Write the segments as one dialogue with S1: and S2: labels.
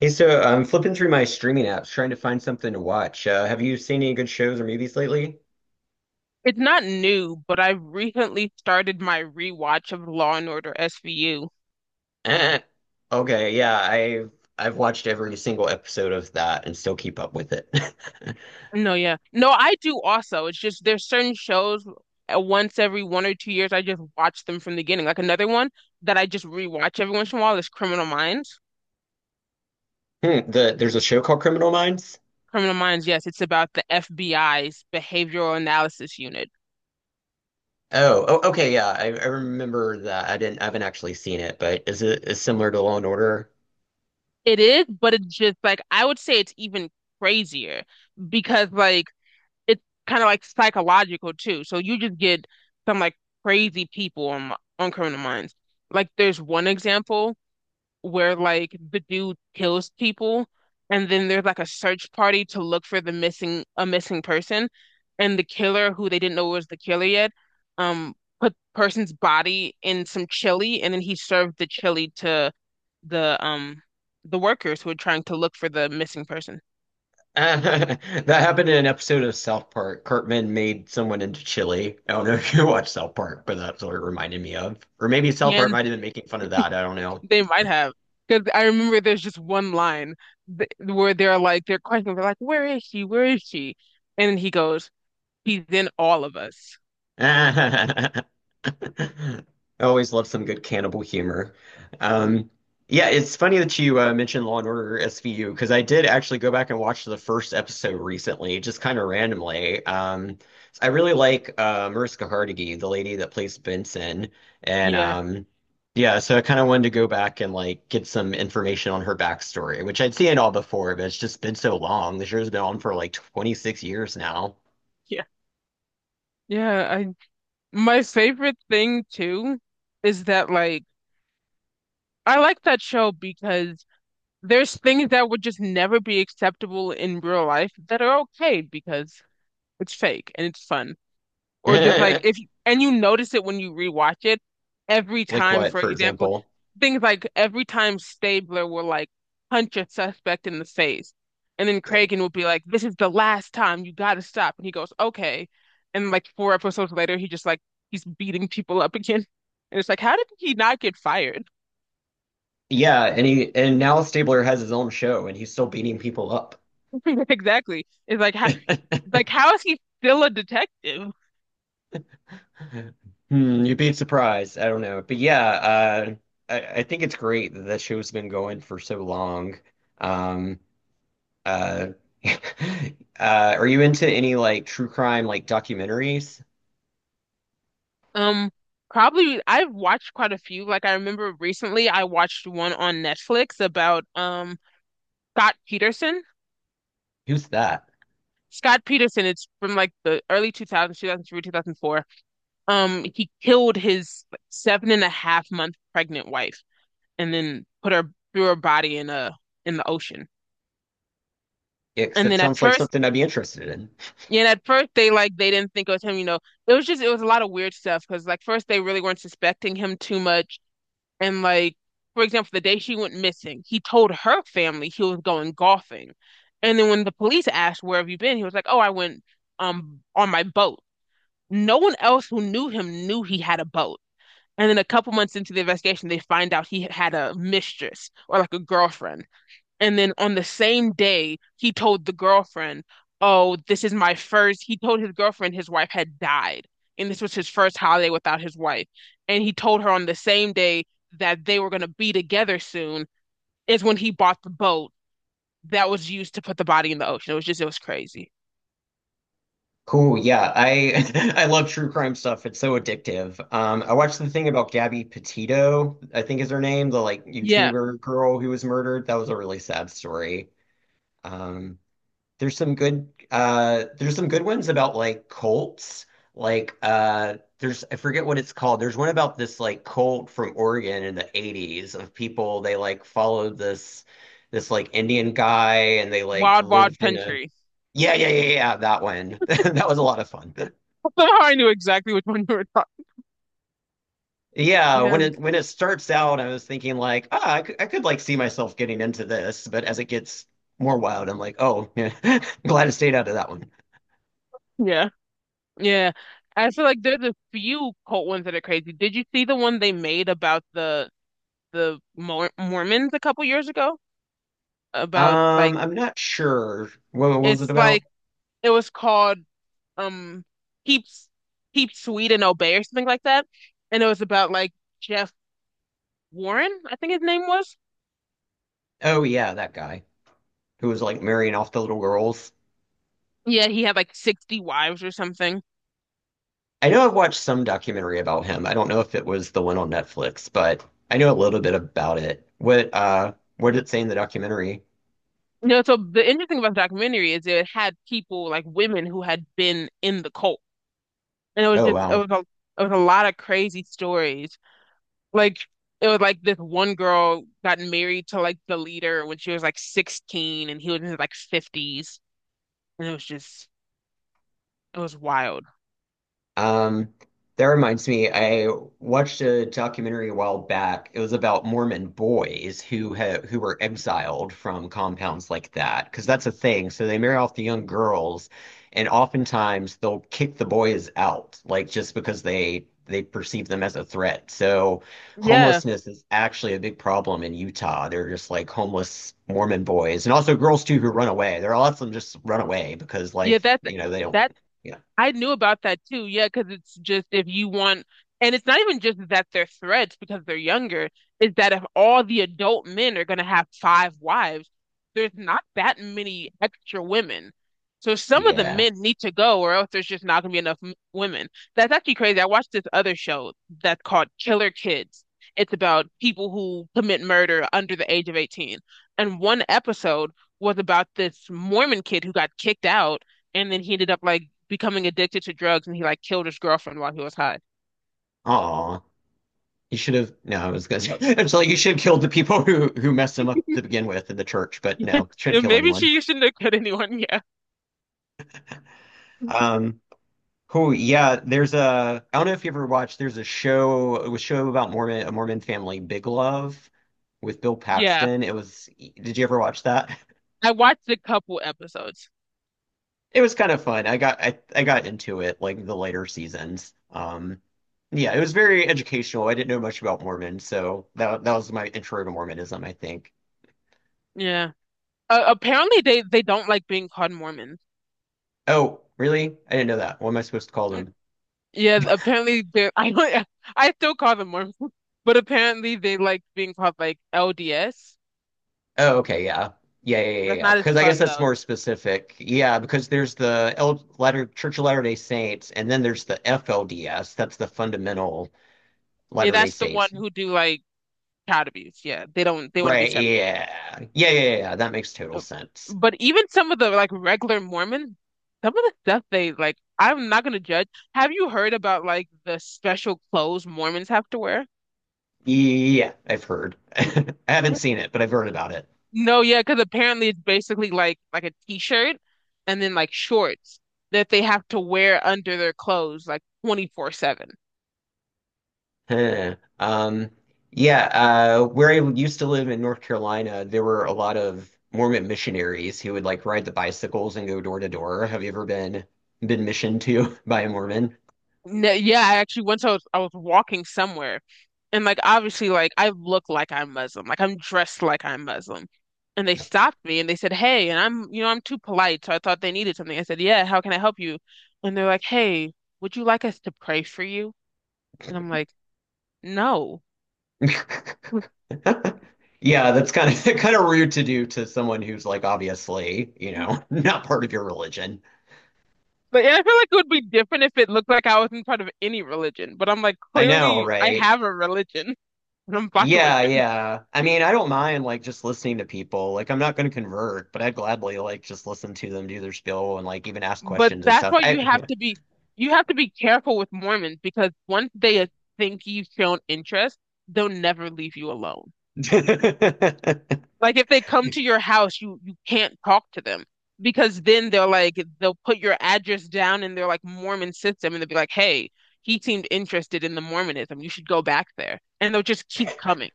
S1: Hey, so I'm flipping through my streaming apps trying to find something to watch. Have you seen any good shows or movies lately?
S2: It's not new, but I've recently started my rewatch of Law and Order SVU.
S1: Eh. Okay, yeah, I've watched every single episode of that and still keep up with it.
S2: No, yeah. No, I do also. It's just there's certain shows once every 1 or 2 years I just watch them from the beginning. Like another one that I just rewatch every once in a while is Criminal Minds.
S1: There's a show called Criminal Minds.
S2: Criminal Minds, yes, it's about the FBI's Behavioral Analysis Unit.
S1: Oh, okay, yeah, I remember that. I haven't actually seen it, but is it is similar to Law and Order?
S2: It is, but it's just like I would say it's even crazier because like it's kind of like psychological too. So you just get some like crazy people on Criminal Minds. Like there's one example where like the dude kills people, and then there's like a search party to look for the missing a missing person, and the killer who they didn't know was the killer yet, um, put person's body in some chili, and then he served the chili to the um the workers who were trying to look for the missing person.
S1: that happened in an episode of South Park. Cartman made someone into chili. I don't know if you watch South Park, but that's what it reminded me of. Or maybe South
S2: Yeah,
S1: Park might have been making fun of that. I don't know.
S2: they might have, because I remember there's just one line th where they're questioning. They're like, "Where is she? Where is she?" And he goes, "He's in all of us."
S1: I always love some good cannibal humor. Um, yeah, it's funny that you mentioned Law and Order SVU because I did actually go back and watch the first episode recently, just kind of randomly. I really like Mariska Hargitay, the lady that plays Benson, and
S2: Yeah,
S1: yeah, so I kind of wanted to go back and like get some information on her backstory, which I'd seen all before, but it's just been so long. The show's been on for like 26 years now.
S2: yeah, yeah. I My favorite thing too is that like I like that show because there's things that would just never be acceptable in real life that are okay because it's fake and it's fun. Or just like if you, and you notice it when you rewatch it every
S1: Like
S2: time.
S1: what,
S2: For
S1: for
S2: example,
S1: example?
S2: things like every time Stabler will like punch a suspect in the face, and then Kragan will be like, "This is the last time, you got to stop," and he goes, "Okay," and like four episodes later he just like he's beating people up again, and it's like how did he not get fired?
S1: Yeah, and he and now Stabler has his own show and he's still beating people up.
S2: exactly, it's like how like how is he still a detective?
S1: Hmm, you'd be surprised. I don't know. But yeah, I think it's great that that show's been going for so long. Um uh uh are you into any like true crime like documentaries?
S2: Um, Probably. I've watched quite a few. Like I remember recently I watched one on Netflix about Scott Peterson.
S1: Who's that?
S2: Scott Peterson, it's from like the early 2000s, 2003, 2004. He killed his seven and a half month pregnant wife and then put her threw her body in a in the ocean.
S1: Yeah, 'cause
S2: And
S1: that
S2: then at
S1: sounds like
S2: first,
S1: something I'd be interested in.
S2: yeah, and at first they didn't think it was him, It was a lot of weird stuff because like first they really weren't suspecting him too much. And like, for example, the day she went missing, he told her family he was going golfing. And then when the police asked, "Where have you been?" he was like, "Oh, I went on my boat." No one else who knew him knew he had a boat. And then a couple months into the investigation, they find out he had a mistress or like a girlfriend. And then on the same day, he told the girlfriend, oh, this is my first. He told his girlfriend his wife had died, and this was his first holiday without his wife. And he told her on the same day that they were going to be together soon is when he bought the boat that was used to put the body in the ocean. It was crazy.
S1: Cool. Yeah, I I love true crime stuff. It's so addictive. I watched the thing about Gabby Petito, I think is her name, the like
S2: Yeah.
S1: YouTuber girl who was murdered. That was a really sad story. Um, there's some good ones about like cults. Like there's I forget what it's called. There's one about this like cult from Oregon in the 80s of people they like followed this like Indian guy and they like
S2: Wild, Wild
S1: lived in a
S2: Country.
S1: Yeah, yeah, yeah, yeah, that one. That was a lot of fun.
S2: Somehow I knew exactly which one you were talking.
S1: Yeah, when
S2: Yeah.
S1: it when it starts out, I was thinking like, ah, I could like see myself getting into this, but as it gets more wild, I'm like, oh, yeah, glad I stayed out of that one.
S2: Yeah. Yeah. I feel like there's a few cult ones that are crazy. Did you see the one they made about the Mormons a couple years ago about like
S1: I'm not sure. What was it
S2: it's
S1: about?
S2: like it was called um Keep Keep Sweet and Obey or something like that, and it was about like Jeff Warren, I think his name was.
S1: Oh yeah, that guy who was like marrying off the little girls.
S2: Yeah, he had like 60 wives or something.
S1: I know I've watched some documentary about him. I don't know if it was the one on Netflix, but I know a little bit about it. What did it say in the documentary?
S2: So the interesting about the documentary is it had people, like women who had been in the cult, and
S1: Oh wow.
S2: it was a lot of crazy stories. Like it was like this one girl got married to like the leader when she was like 16 and he was in his like 50s, and it was wild.
S1: Um, that reminds me, I watched a documentary a while back. It was about Mormon boys who ha who were exiled from compounds like that, because that's a thing. So they marry off the young girls, and oftentimes they'll kick the boys out, like just because they perceive them as a threat. So
S2: Yeah.
S1: homelessness is actually a big problem in Utah. They're just like homeless Mormon boys, and also girls too who run away. There are lots of them just run away because
S2: Yeah,
S1: life,
S2: that
S1: you know, they don't.
S2: that
S1: Yeah.
S2: I knew about that too, yeah, because it's just if you want, and it's not even just that they're threats because they're younger, is that if all the adult men are going to have 5 wives, there's not that many extra women. So some of the
S1: Yeah.
S2: men need to go, or else there's just not going to be enough women. That's actually crazy. I watched this other show that's called Killer Kids. It's about people who commit murder under the age of 18. And one episode was about this Mormon kid who got kicked out, and then he ended up like becoming addicted to drugs and he like killed his girlfriend while he was high.
S1: Aw, you should have. No, I was gonna say, it's like you should have killed the people who messed him up to begin with in the church, but no, shouldn't
S2: Yeah,
S1: kill
S2: maybe
S1: anyone.
S2: she shouldn't have cut anyone. Yeah.
S1: Um, cool. Yeah, there's a. I don't know if you ever watched. There's a show. It was a show about Mormon a Mormon family, Big Love, with Bill
S2: Yeah.
S1: Paxton. It was. Did you ever watch that?
S2: I watched a couple episodes.
S1: It was kind of fun. I got into it like the later seasons. Yeah, it was very educational. I didn't know much about Mormon, so that was my intro to Mormonism, I think.
S2: Yeah. Apparently they don't like being called Mormons.
S1: Oh, really? I didn't know that. What am I supposed to call them?
S2: Yeah, apparently they I don't I still call them Mormons, but apparently they like being called like LDS.
S1: Oh, okay, yeah. Yeah, yeah, yeah,
S2: That's
S1: yeah.
S2: not as
S1: Because I guess
S2: fun
S1: that's
S2: though.
S1: more specific. Yeah, because there's the L Latter Church of Latter-day Saints, and then there's the FLDS. That's the fundamental
S2: Yeah,
S1: Latter-day
S2: that's the one
S1: Saints.
S2: who do like child abuse. Yeah, they don't they want to be
S1: Right,
S2: separate.
S1: yeah. Yeah, yeah, yeah, yeah. That makes total sense.
S2: But even some of the like regular Mormons, some of the stuff they like, I'm not gonna judge. Have you heard about like the special clothes Mormons have to wear?
S1: Yeah, I've heard. I haven't seen it, but I've heard about it.
S2: No, yeah, because apparently it's basically like a t-shirt and then like shorts that they have to wear under their clothes like 24/7.
S1: Huh. Yeah, where I used to live in North Carolina, there were a lot of Mormon missionaries who would like ride the bicycles and go door to door. Have you ever been missioned to by a Mormon?
S2: No, yeah, I actually once I was walking somewhere, and like obviously like I look like I'm Muslim, like I'm dressed like I'm Muslim, and they stopped me and they said, "Hey," and I'm you know I'm too polite, so I thought they needed something. I said, "Yeah, how can I help you?" And they're like, "Hey, would you like us to pray for you?" And I'm like, "No."
S1: Yeah, that's kind of kind of rude to do to someone who's like obviously, you know, not part of your religion.
S2: But and I feel like it would be different if it looked like I wasn't part of any religion, but I'm like,
S1: I know,
S2: clearly I
S1: right?
S2: have a religion and I'm fine with
S1: Yeah,
S2: it.
S1: yeah. I mean, I don't mind like just listening to people. Like I'm not going to convert, but I'd gladly like just listen to them do their spiel and like even ask
S2: But
S1: questions and
S2: that's
S1: stuff.
S2: why
S1: I
S2: you have to be you have to be careful with Mormons, because once they think you've shown interest, they'll never leave you alone. Like if they come to your house, you can't talk to them, because then they'll put your address down in their like Mormon system, and they'll be like, "Hey, he seemed interested in the Mormonism. You should go back there." And they'll just keep coming.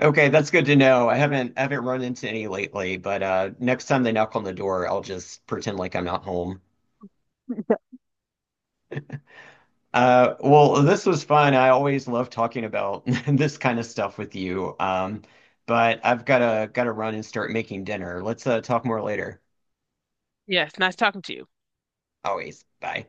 S1: Okay, that's good to know. I haven't run into any lately, but next time they knock on the door, I'll just pretend like I'm not home. Well, this was fun. I always love talking about this kind of stuff with you. But I've gotta run and start making dinner. Let's talk more later.
S2: Yes, nice talking to you.
S1: Always. Bye.